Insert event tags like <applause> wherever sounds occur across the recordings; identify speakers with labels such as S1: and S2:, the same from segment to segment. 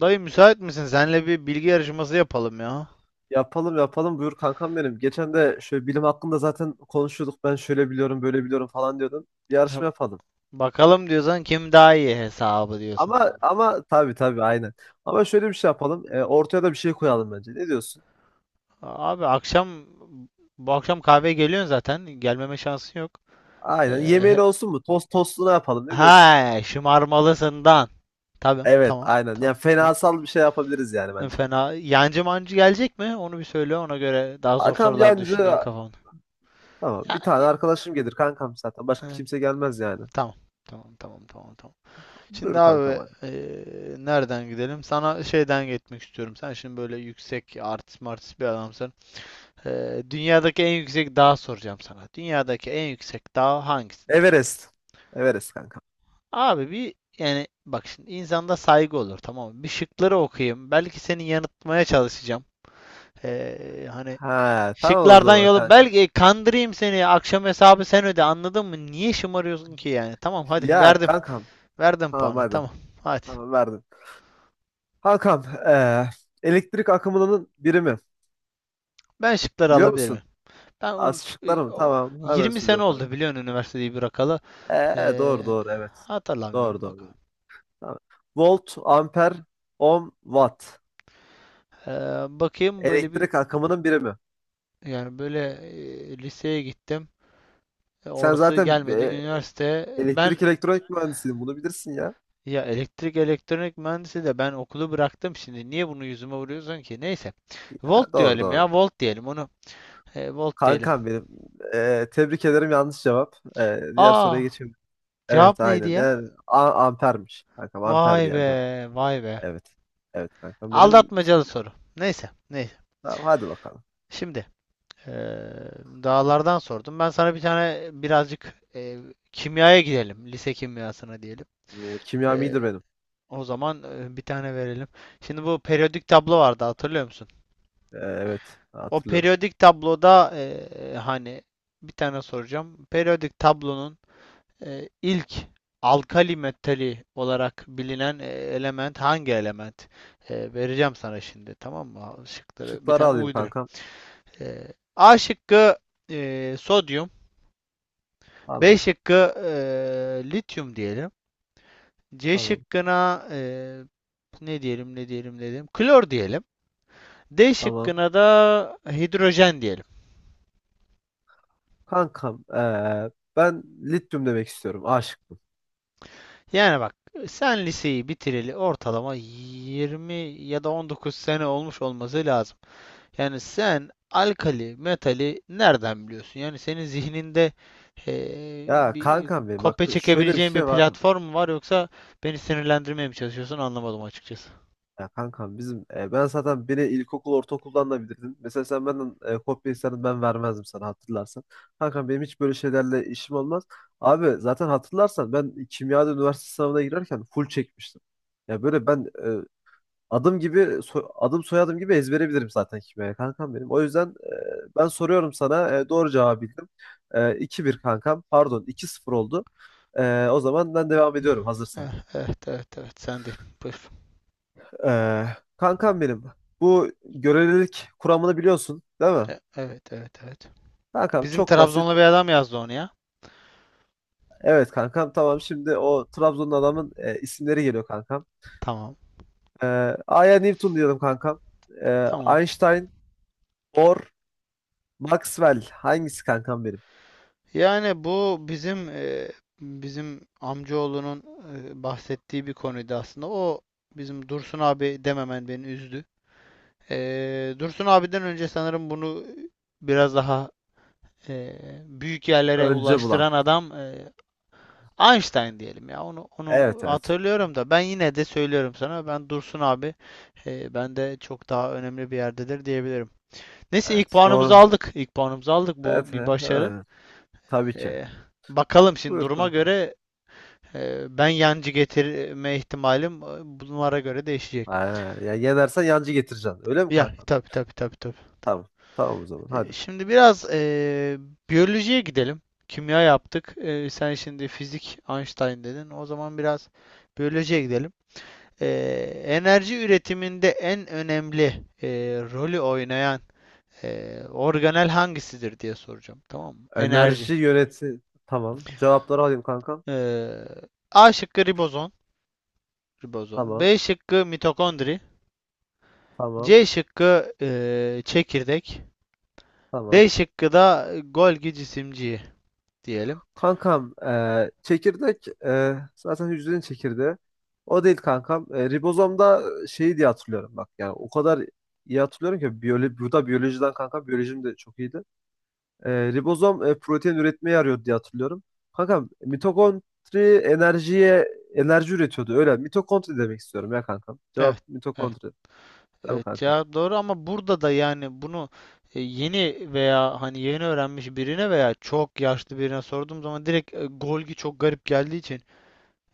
S1: Dayı müsait misin? Senle bir bilgi yarışması yapalım ya.
S2: Yapalım yapalım buyur kankam benim. Geçen de şöyle bilim hakkında zaten konuşuyorduk. Ben şöyle biliyorum, böyle biliyorum falan diyordun. Bir yarışma
S1: <laughs>
S2: yapalım.
S1: Bakalım diyorsan kim daha iyi hesabı diyorsun.
S2: Ama tabii tabii aynen. Ama şöyle bir şey yapalım. Ortaya da bir şey koyalım bence. Ne diyorsun?
S1: Abi, bu akşam kahveye geliyorsun zaten. Gelmeme şansın yok.
S2: Aynen. Yemeğin
S1: Ee,
S2: olsun mu? Tost tostuna yapalım. Ne diyorsun?
S1: he, şımarmalısından. Tamam,
S2: Evet
S1: tamam,
S2: aynen. Yani
S1: tamam, tamam.
S2: fenasal bir şey yapabiliriz yani bence.
S1: Fena. Yancı mancı gelecek mi? Onu bir söyle. Ona göre daha zor
S2: Kankam
S1: sorular
S2: yancı
S1: düşüneyim kafamda.
S2: tamam.
S1: Ya,
S2: Bir tane arkadaşım gelir kankam zaten.
S1: e,
S2: Başka kimse gelmez yani.
S1: tamam, tamam, tamam, tamam, tamam. Şimdi
S2: Buyur kankam
S1: abi,
S2: hadi.
S1: nereden gidelim? Sana şeyden gitmek istiyorum. Sen şimdi böyle yüksek artist martist bir adamsın. Dünyadaki en yüksek dağ soracağım sana. Dünyadaki en yüksek dağ hangisidir?
S2: Everest. Everest kankam.
S1: Abi, bir yani bak şimdi insanda saygı olur, tamam mı? Bir şıkları okuyayım. Belki seni yanıltmaya çalışacağım. Hani
S2: Ha tamam o
S1: şıklardan
S2: zaman
S1: yolu
S2: kankam.
S1: belki kandırayım seni. Akşam hesabı sen öde, anladın mı? Niye şımarıyorsun ki yani? Tamam, hadi
S2: Ya
S1: verdim.
S2: kankam.
S1: Verdim
S2: Tamam
S1: puanı,
S2: hadi.
S1: tamam. Hadi.
S2: Tamam verdim. Hakan, elektrik akımının birimi
S1: Ben şıkları
S2: biliyor musun?
S1: alabilirim. Ben onu
S2: Az şıklar
S1: e,
S2: mı? Tamam, hemen
S1: 20 sene
S2: söylüyorum
S1: oldu
S2: kanka.
S1: biliyorsun üniversiteyi bırakalı. Ee,
S2: Doğru doğru, evet. Doğru
S1: Hatırlamıyorum
S2: doğru.
S1: bak.
S2: Doğru. Tamam. Volt, amper, ohm, watt.
S1: Ee, Bakayım böyle bir,
S2: Elektrik akımının birimi.
S1: yani böyle, liseye gittim.
S2: Sen
S1: Orası
S2: zaten
S1: gelmedi. Üniversite ben,
S2: elektrik elektronik mühendisiydin. Bunu bilirsin ya.
S1: ya elektrik elektronik mühendisi de ben okulu bıraktım şimdi. Niye bunu yüzüme vuruyorsun ki? Neyse.
S2: Ha,
S1: Volt
S2: doğru
S1: diyelim
S2: doğru.
S1: ya. Volt diyelim onu. Volt diyelim.
S2: Kankam benim. Tebrik ederim, yanlış cevap. Diğer soruya
S1: Aa,
S2: geçelim. Evet
S1: cevap neydi
S2: aynen.
S1: ya?
S2: Yani ampermiş. Kankam amperdi
S1: Vay
S2: yani cevap.
S1: be, vay be.
S2: Evet. Evet kankam benim.
S1: Aldatmacalı soru. Neyse, neyse.
S2: Tamam hadi bakalım.
S1: Şimdi, Eee, dağlardan sordum. Ben sana bir tane birazcık, kimyaya gidelim. Lise kimyasına diyelim.
S2: Bu kimyam
S1: Eee,
S2: iyidir benim.
S1: O zaman, bir tane verelim. Şimdi bu periyodik tablo vardı, hatırlıyor musun?
S2: Evet
S1: O
S2: hatırlıyorum.
S1: periyodik tabloda, hani bir tane soracağım. Periyodik tablonun, ilk alkali metali olarak bilinen, element hangi element? Vereceğim sana şimdi, tamam mı? Şıkları bir
S2: Şıkları
S1: tane
S2: alayım
S1: uydurayım.
S2: kankam.
S1: Eee, A şıkkı, sodyum. B
S2: Tamam
S1: şıkkı, lityum diyelim. C
S2: tamam
S1: şıkkına, ne diyelim dedim, klor diyelim. D
S2: tamam.
S1: şıkkına da hidrojen diyelim.
S2: Kankam ben lityum demek istiyorum. A şıkkı.
S1: Yani bak, sen liseyi bitireli ortalama 20 ya da 19 sene olmuş olması lazım. Yani sen alkali, metali nereden biliyorsun? Yani senin zihninde,
S2: Ya
S1: bir
S2: kankam benim, bak
S1: kopya
S2: şöyle bir
S1: çekebileceğin bir
S2: şey var.
S1: platform mu var, yoksa beni sinirlendirmeye mi çalışıyorsun anlamadım açıkçası.
S2: Ya kankam bizim ben zaten, beni ilkokul ortaokuldan da bilirdin. Mesela sen benden kopya istedin, ben vermezdim sana hatırlarsan. Kankam benim hiç böyle şeylerle işim olmaz. Abi zaten hatırlarsan ben kimyada üniversite sınavına girerken full çekmiştim. Ya böyle ben adım gibi adım soyadım gibi ezbere bilirim zaten kime kankam benim. O yüzden ben soruyorum sana, doğru cevabı bildim. 2-1 kankam, pardon, 2-0 oldu. O zaman ben devam ediyorum hazırsan.
S1: Eh, Evet, evet, evet, sen değil. Buyur.
S2: E, Kankam benim, bu görelilik kuramını biliyorsun değil mi?
S1: Evet, evet, evet.
S2: Kankam
S1: Bizim
S2: çok basit.
S1: Trabzonlu bir adam yazdı onu ya.
S2: Evet kankam, tamam, şimdi o Trabzon'un adamın isimleri geliyor kankam.
S1: Tamam.
S2: E, Aya Newton diyelim kankam.
S1: Tamam.
S2: Einstein, Bohr, Maxwell hangisi kankam benim?
S1: Yani bu bizim, bizim amcaoğlunun bahsettiği bir konuydu aslında. O bizim Dursun abi dememen beni üzdü. Dursun abiden önce sanırım bunu biraz daha e, büyük yerlere
S2: Önce bulan.
S1: ulaştıran adam, Einstein diyelim ya, onu
S2: Evet evet.
S1: hatırlıyorum da ben yine de söylüyorum sana, ben Dursun abi, ben de çok daha önemli bir yerdedir diyebilirim. Neyse, ilk
S2: Evet
S1: puanımızı
S2: doğru.
S1: aldık. İlk puanımızı aldık.
S2: Evet,
S1: Bu
S2: he,
S1: bir başarı.
S2: he, tabii ki.
S1: E, Bakalım şimdi
S2: Buyur
S1: duruma
S2: kankam.
S1: göre, ben yancı getirme ihtimalim, bunlara göre değişecek.
S2: Ha, ya yenersen yancı getireceksin. Öyle mi
S1: Ya,
S2: kankam?
S1: tabii, tabii, tabii, tabii.
S2: Tamam. Tamam o zaman hadi.
S1: Şimdi biraz, biyolojiye gidelim. Kimya yaptık. Sen şimdi fizik, Einstein dedin. O zaman biraz biyolojiye gidelim. e, Enerji üretiminde en önemli rolü oynayan organel hangisidir diye soracağım. Tamam mı? Enerji.
S2: Enerji yöneti. Tamam. Cevapları alayım kankam.
S1: E, A şıkkı ribozom.
S2: Tamam.
S1: B şıkkı mitokondri.
S2: Tamam.
S1: C şıkkı çekirdek. D
S2: Tamam.
S1: şıkkı da Golgi cisimciği diyelim.
S2: Kankam, çekirdek zaten hücrenin çekirdeği. O değil kankam. Ribozomda şey diye hatırlıyorum bak. Yani o kadar iyi hatırlıyorum ki biyoloji, bu da biyolojiden kankam. Biyolojim de çok iyiydi. Ribozom protein üretmeye yarıyordu diye hatırlıyorum. Kankam mitokondri enerjiye enerji üretiyordu. Öyle mitokondri demek istiyorum ya kankam. Cevap
S1: Evet, evet,
S2: mitokondri. Değil mi
S1: evet.
S2: kankam?
S1: Cevap doğru ama burada da yani bunu, yeni veya hani yeni öğrenmiş birine veya çok yaşlı birine sorduğum zaman direkt, Golgi çok garip geldiği için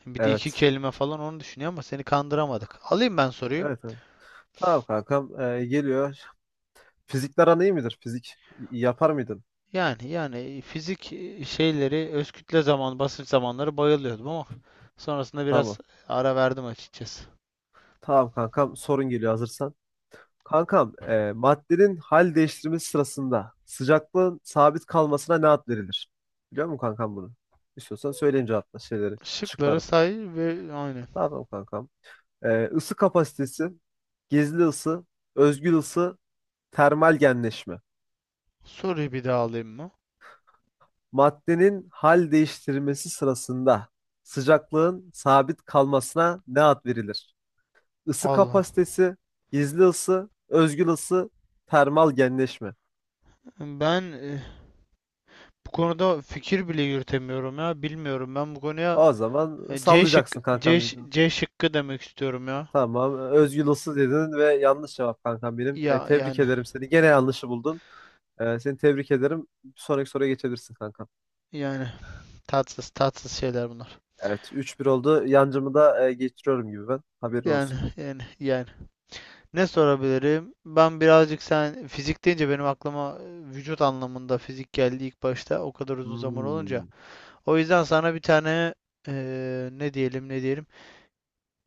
S1: bir de iki
S2: Evet.
S1: kelime falan onu düşünüyor, ama seni kandıramadık. Alayım ben soruyu.
S2: Evet evet. Tamam kankam, geliyor. Fizikler aran iyi midir? Fizik yapar mıydın?
S1: Yani, fizik şeyleri, öz kütle, zaman, basınç zamanları bayılıyordum ama sonrasında biraz
S2: Tamam.
S1: ara verdim açıkçası.
S2: Tamam kankam, sorun geliyor hazırsan. Kankam, maddenin hal değiştirmesi sırasında sıcaklığın sabit kalmasına ne ad verilir? Biliyor musun kankam bunu? İstiyorsan söyleyeyim, cevapla şeyleri,
S1: Şıkları
S2: şıkları.
S1: say ve aynı.
S2: Tamam kankam. Isı kapasitesi, gizli ısı, özgül ısı, termal genleşme.
S1: Soruyu bir daha alayım mı?
S2: Maddenin hal değiştirmesi sırasında sıcaklığın sabit kalmasına ne ad verilir? Isı
S1: Allah.
S2: kapasitesi, gizli ısı, özgül ısı, termal genleşme.
S1: Ben, bu konuda fikir bile yürütemiyorum ya. Bilmiyorum ben bu konuya.
S2: O zaman
S1: e, C şık
S2: sallayacaksın
S1: C,
S2: kankam, büyük ihtimal.
S1: C şıkkı demek istiyorum ya.
S2: Tamam. Özgül ısı dedin ve yanlış cevap kankam benim.
S1: Ya
S2: Tebrik
S1: yani
S2: ederim seni. Gene yanlışı buldun. Seni tebrik ederim. Bir sonraki soruya geçebilirsin kankam.
S1: yani tatsız tatsız şeyler bunlar.
S2: Evet, 3-1 oldu. Yancımı da geçiriyorum gibi ben. Haberin
S1: Yani,
S2: olsun.
S1: yani, yani. Ne sorabilirim? Ben birazcık, sen fizik deyince benim aklıma vücut anlamında fizik geldi ilk başta, o kadar uzun zaman
S2: Hmm.
S1: olunca. O yüzden sana bir tane, e, ne diyelim ne diyelim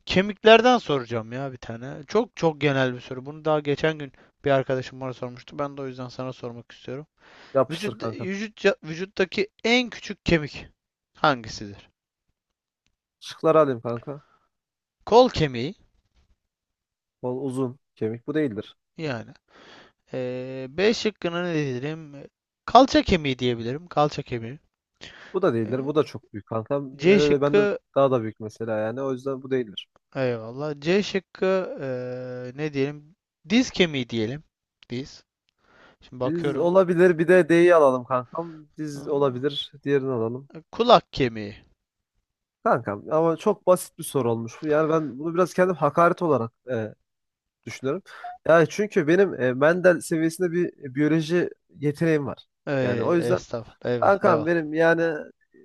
S1: kemiklerden soracağım ya bir tane. Çok çok genel bir soru. Bunu daha geçen gün bir arkadaşım bana sormuştu. Ben de o yüzden sana sormak istiyorum.
S2: Yapıştır
S1: Vücut
S2: kanka.
S1: vücut vücuttaki en küçük kemik hangisidir?
S2: Şıkları alayım kanka.
S1: Kol kemiği
S2: Bol uzun kemik. Bu değildir.
S1: yani. B şıkkına ne diyelim? Kalça kemiği diyebilirim. Kalça kemiği.
S2: Bu da değildir.
S1: Ee,
S2: Bu da çok büyük kanka.
S1: C
S2: Hele ben de
S1: şıkkı,
S2: daha da büyük mesela yani. O yüzden bu değildir.
S1: eyvallah. C şıkkı, ne diyelim? Diz kemiği diyelim. Diz. Şimdi
S2: Diz
S1: bakıyorum.
S2: olabilir. Bir de D'yi alalım kankam. Diz olabilir. Diğerini alalım.
S1: Kulak kemiği.
S2: Kankam ama çok basit bir soru olmuş bu. Yani ben bunu biraz kendim hakaret olarak düşünüyorum. Yani çünkü benim Mendel seviyesinde bir biyoloji yeteneğim var. Yani o
S1: Ey,
S2: yüzden
S1: estağfurullah. Eyvallah.
S2: kankam
S1: Eyvallah.
S2: benim yani,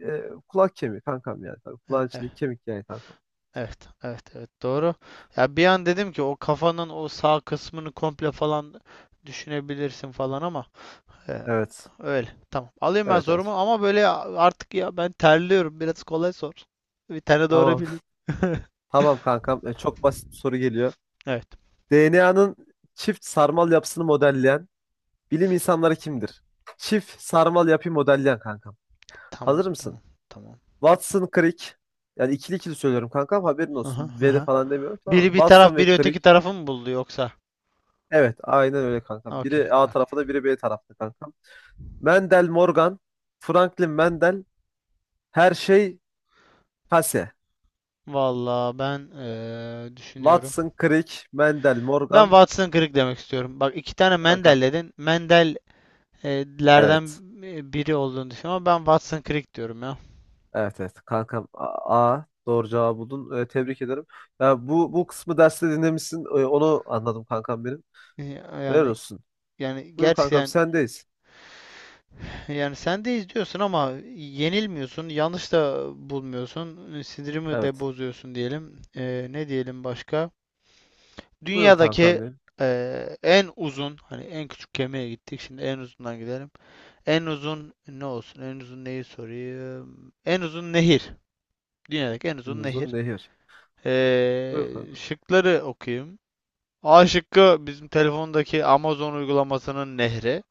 S2: kulak kemiği kankam yani. Tabii,
S1: E-
S2: kulağın
S1: e-
S2: içindeki kemik yani kankam.
S1: Evet, evet, evet, doğru. Ya bir an dedim ki, o kafanın o sağ kısmını komple falan düşünebilirsin falan ama, e,
S2: Evet.
S1: öyle. Tamam. Alayım ben
S2: Evet evet.
S1: sorumu ama böyle artık ya, ben terliyorum. Biraz kolay sor. Bir tane doğru
S2: Tamam.
S1: bileyim. <laughs>
S2: <laughs> Tamam kankam. Çok basit bir soru geliyor.
S1: Evet.
S2: DNA'nın çift sarmal yapısını modelleyen bilim insanları kimdir? Çift sarmal yapıyı modelleyen kankam.
S1: Tamam,
S2: Hazır
S1: tamam,
S2: mısın?
S1: tamam.
S2: Watson, Crick. Yani ikili ikili söylüyorum kankam, haberin
S1: Aha,
S2: olsun. Ve de
S1: aha.
S2: falan demiyorum tamam mı?
S1: Biri bir
S2: Watson
S1: taraf,
S2: ve
S1: biri öteki
S2: Crick.
S1: tarafı mı buldu yoksa?
S2: Evet aynen öyle kankam.
S1: Okey.
S2: Biri A tarafta biri B tarafta kankam. Mendel Morgan, Franklin Mendel, her şey Kase.
S1: Vallahi ben, düşünüyorum.
S2: Watson, Crick, Mendel,
S1: Ben
S2: Morgan.
S1: Watson kırık demek istiyorum. Bak iki tane
S2: Kankam.
S1: Mendel dedin. Mendel'lerden
S2: Evet.
S1: biri olduğunu düşünüyorum ama ben Watson kırık diyorum ya.
S2: Evet evet. Kankam A. A. Doğru cevabı buldun. Tebrik ederim. Ya bu kısmı derste dinlemişsin. Onu anladım kankam benim. Helal
S1: Yani
S2: olsun.
S1: yani,
S2: Buyur kankam,
S1: gerçekten,
S2: sendeyiz.
S1: yani sen de izliyorsun ama yenilmiyorsun, yanlış da bulmuyorsun, sinirimi de
S2: Evet.
S1: bozuyorsun diyelim. Ne diyelim başka?
S2: Buyur kankam
S1: Dünyadaki,
S2: benim.
S1: en uzun, hani en küçük gemiye gittik, şimdi en uzundan gidelim. En uzun ne olsun? En uzun neyi sorayım? En uzun nehir. Dünyadaki en
S2: En
S1: uzun
S2: uzun
S1: nehir.
S2: nehir. Buyur kankam.
S1: Şıkları okuyayım. A şıkkı, bizim telefondaki Amazon uygulamasının nehri.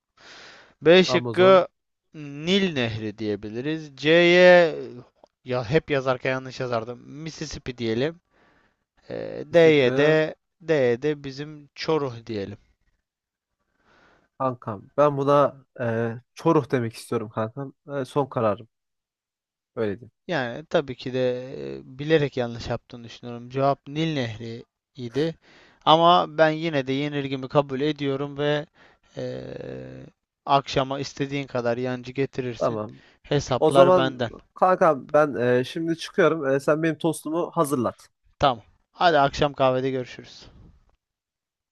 S1: B
S2: Amazon,
S1: şıkkı, Nil Nehri diyebiliriz. C'ye, ya hep yazarken yanlış yazardım, Mississippi diyelim. Ee, D'ye
S2: Mississippi,
S1: de D'ye de bizim Çoruh diyelim.
S2: kankam. Ben buna Çoruh demek istiyorum kankam. Son kararım. Öyle diyeyim.
S1: Yani tabii ki de bilerek yanlış yaptığını düşünüyorum. Cevap Nil Nehri idi. Ama ben yine de yenilgimi kabul ediyorum ve e, akşama istediğin kadar yancı getirirsin.
S2: Tamam. O
S1: Hesaplar
S2: zaman
S1: benden.
S2: kankam, ben şimdi çıkıyorum. Sen benim tostumu hazırlat.
S1: Tamam. Hadi akşam kahvede görüşürüz.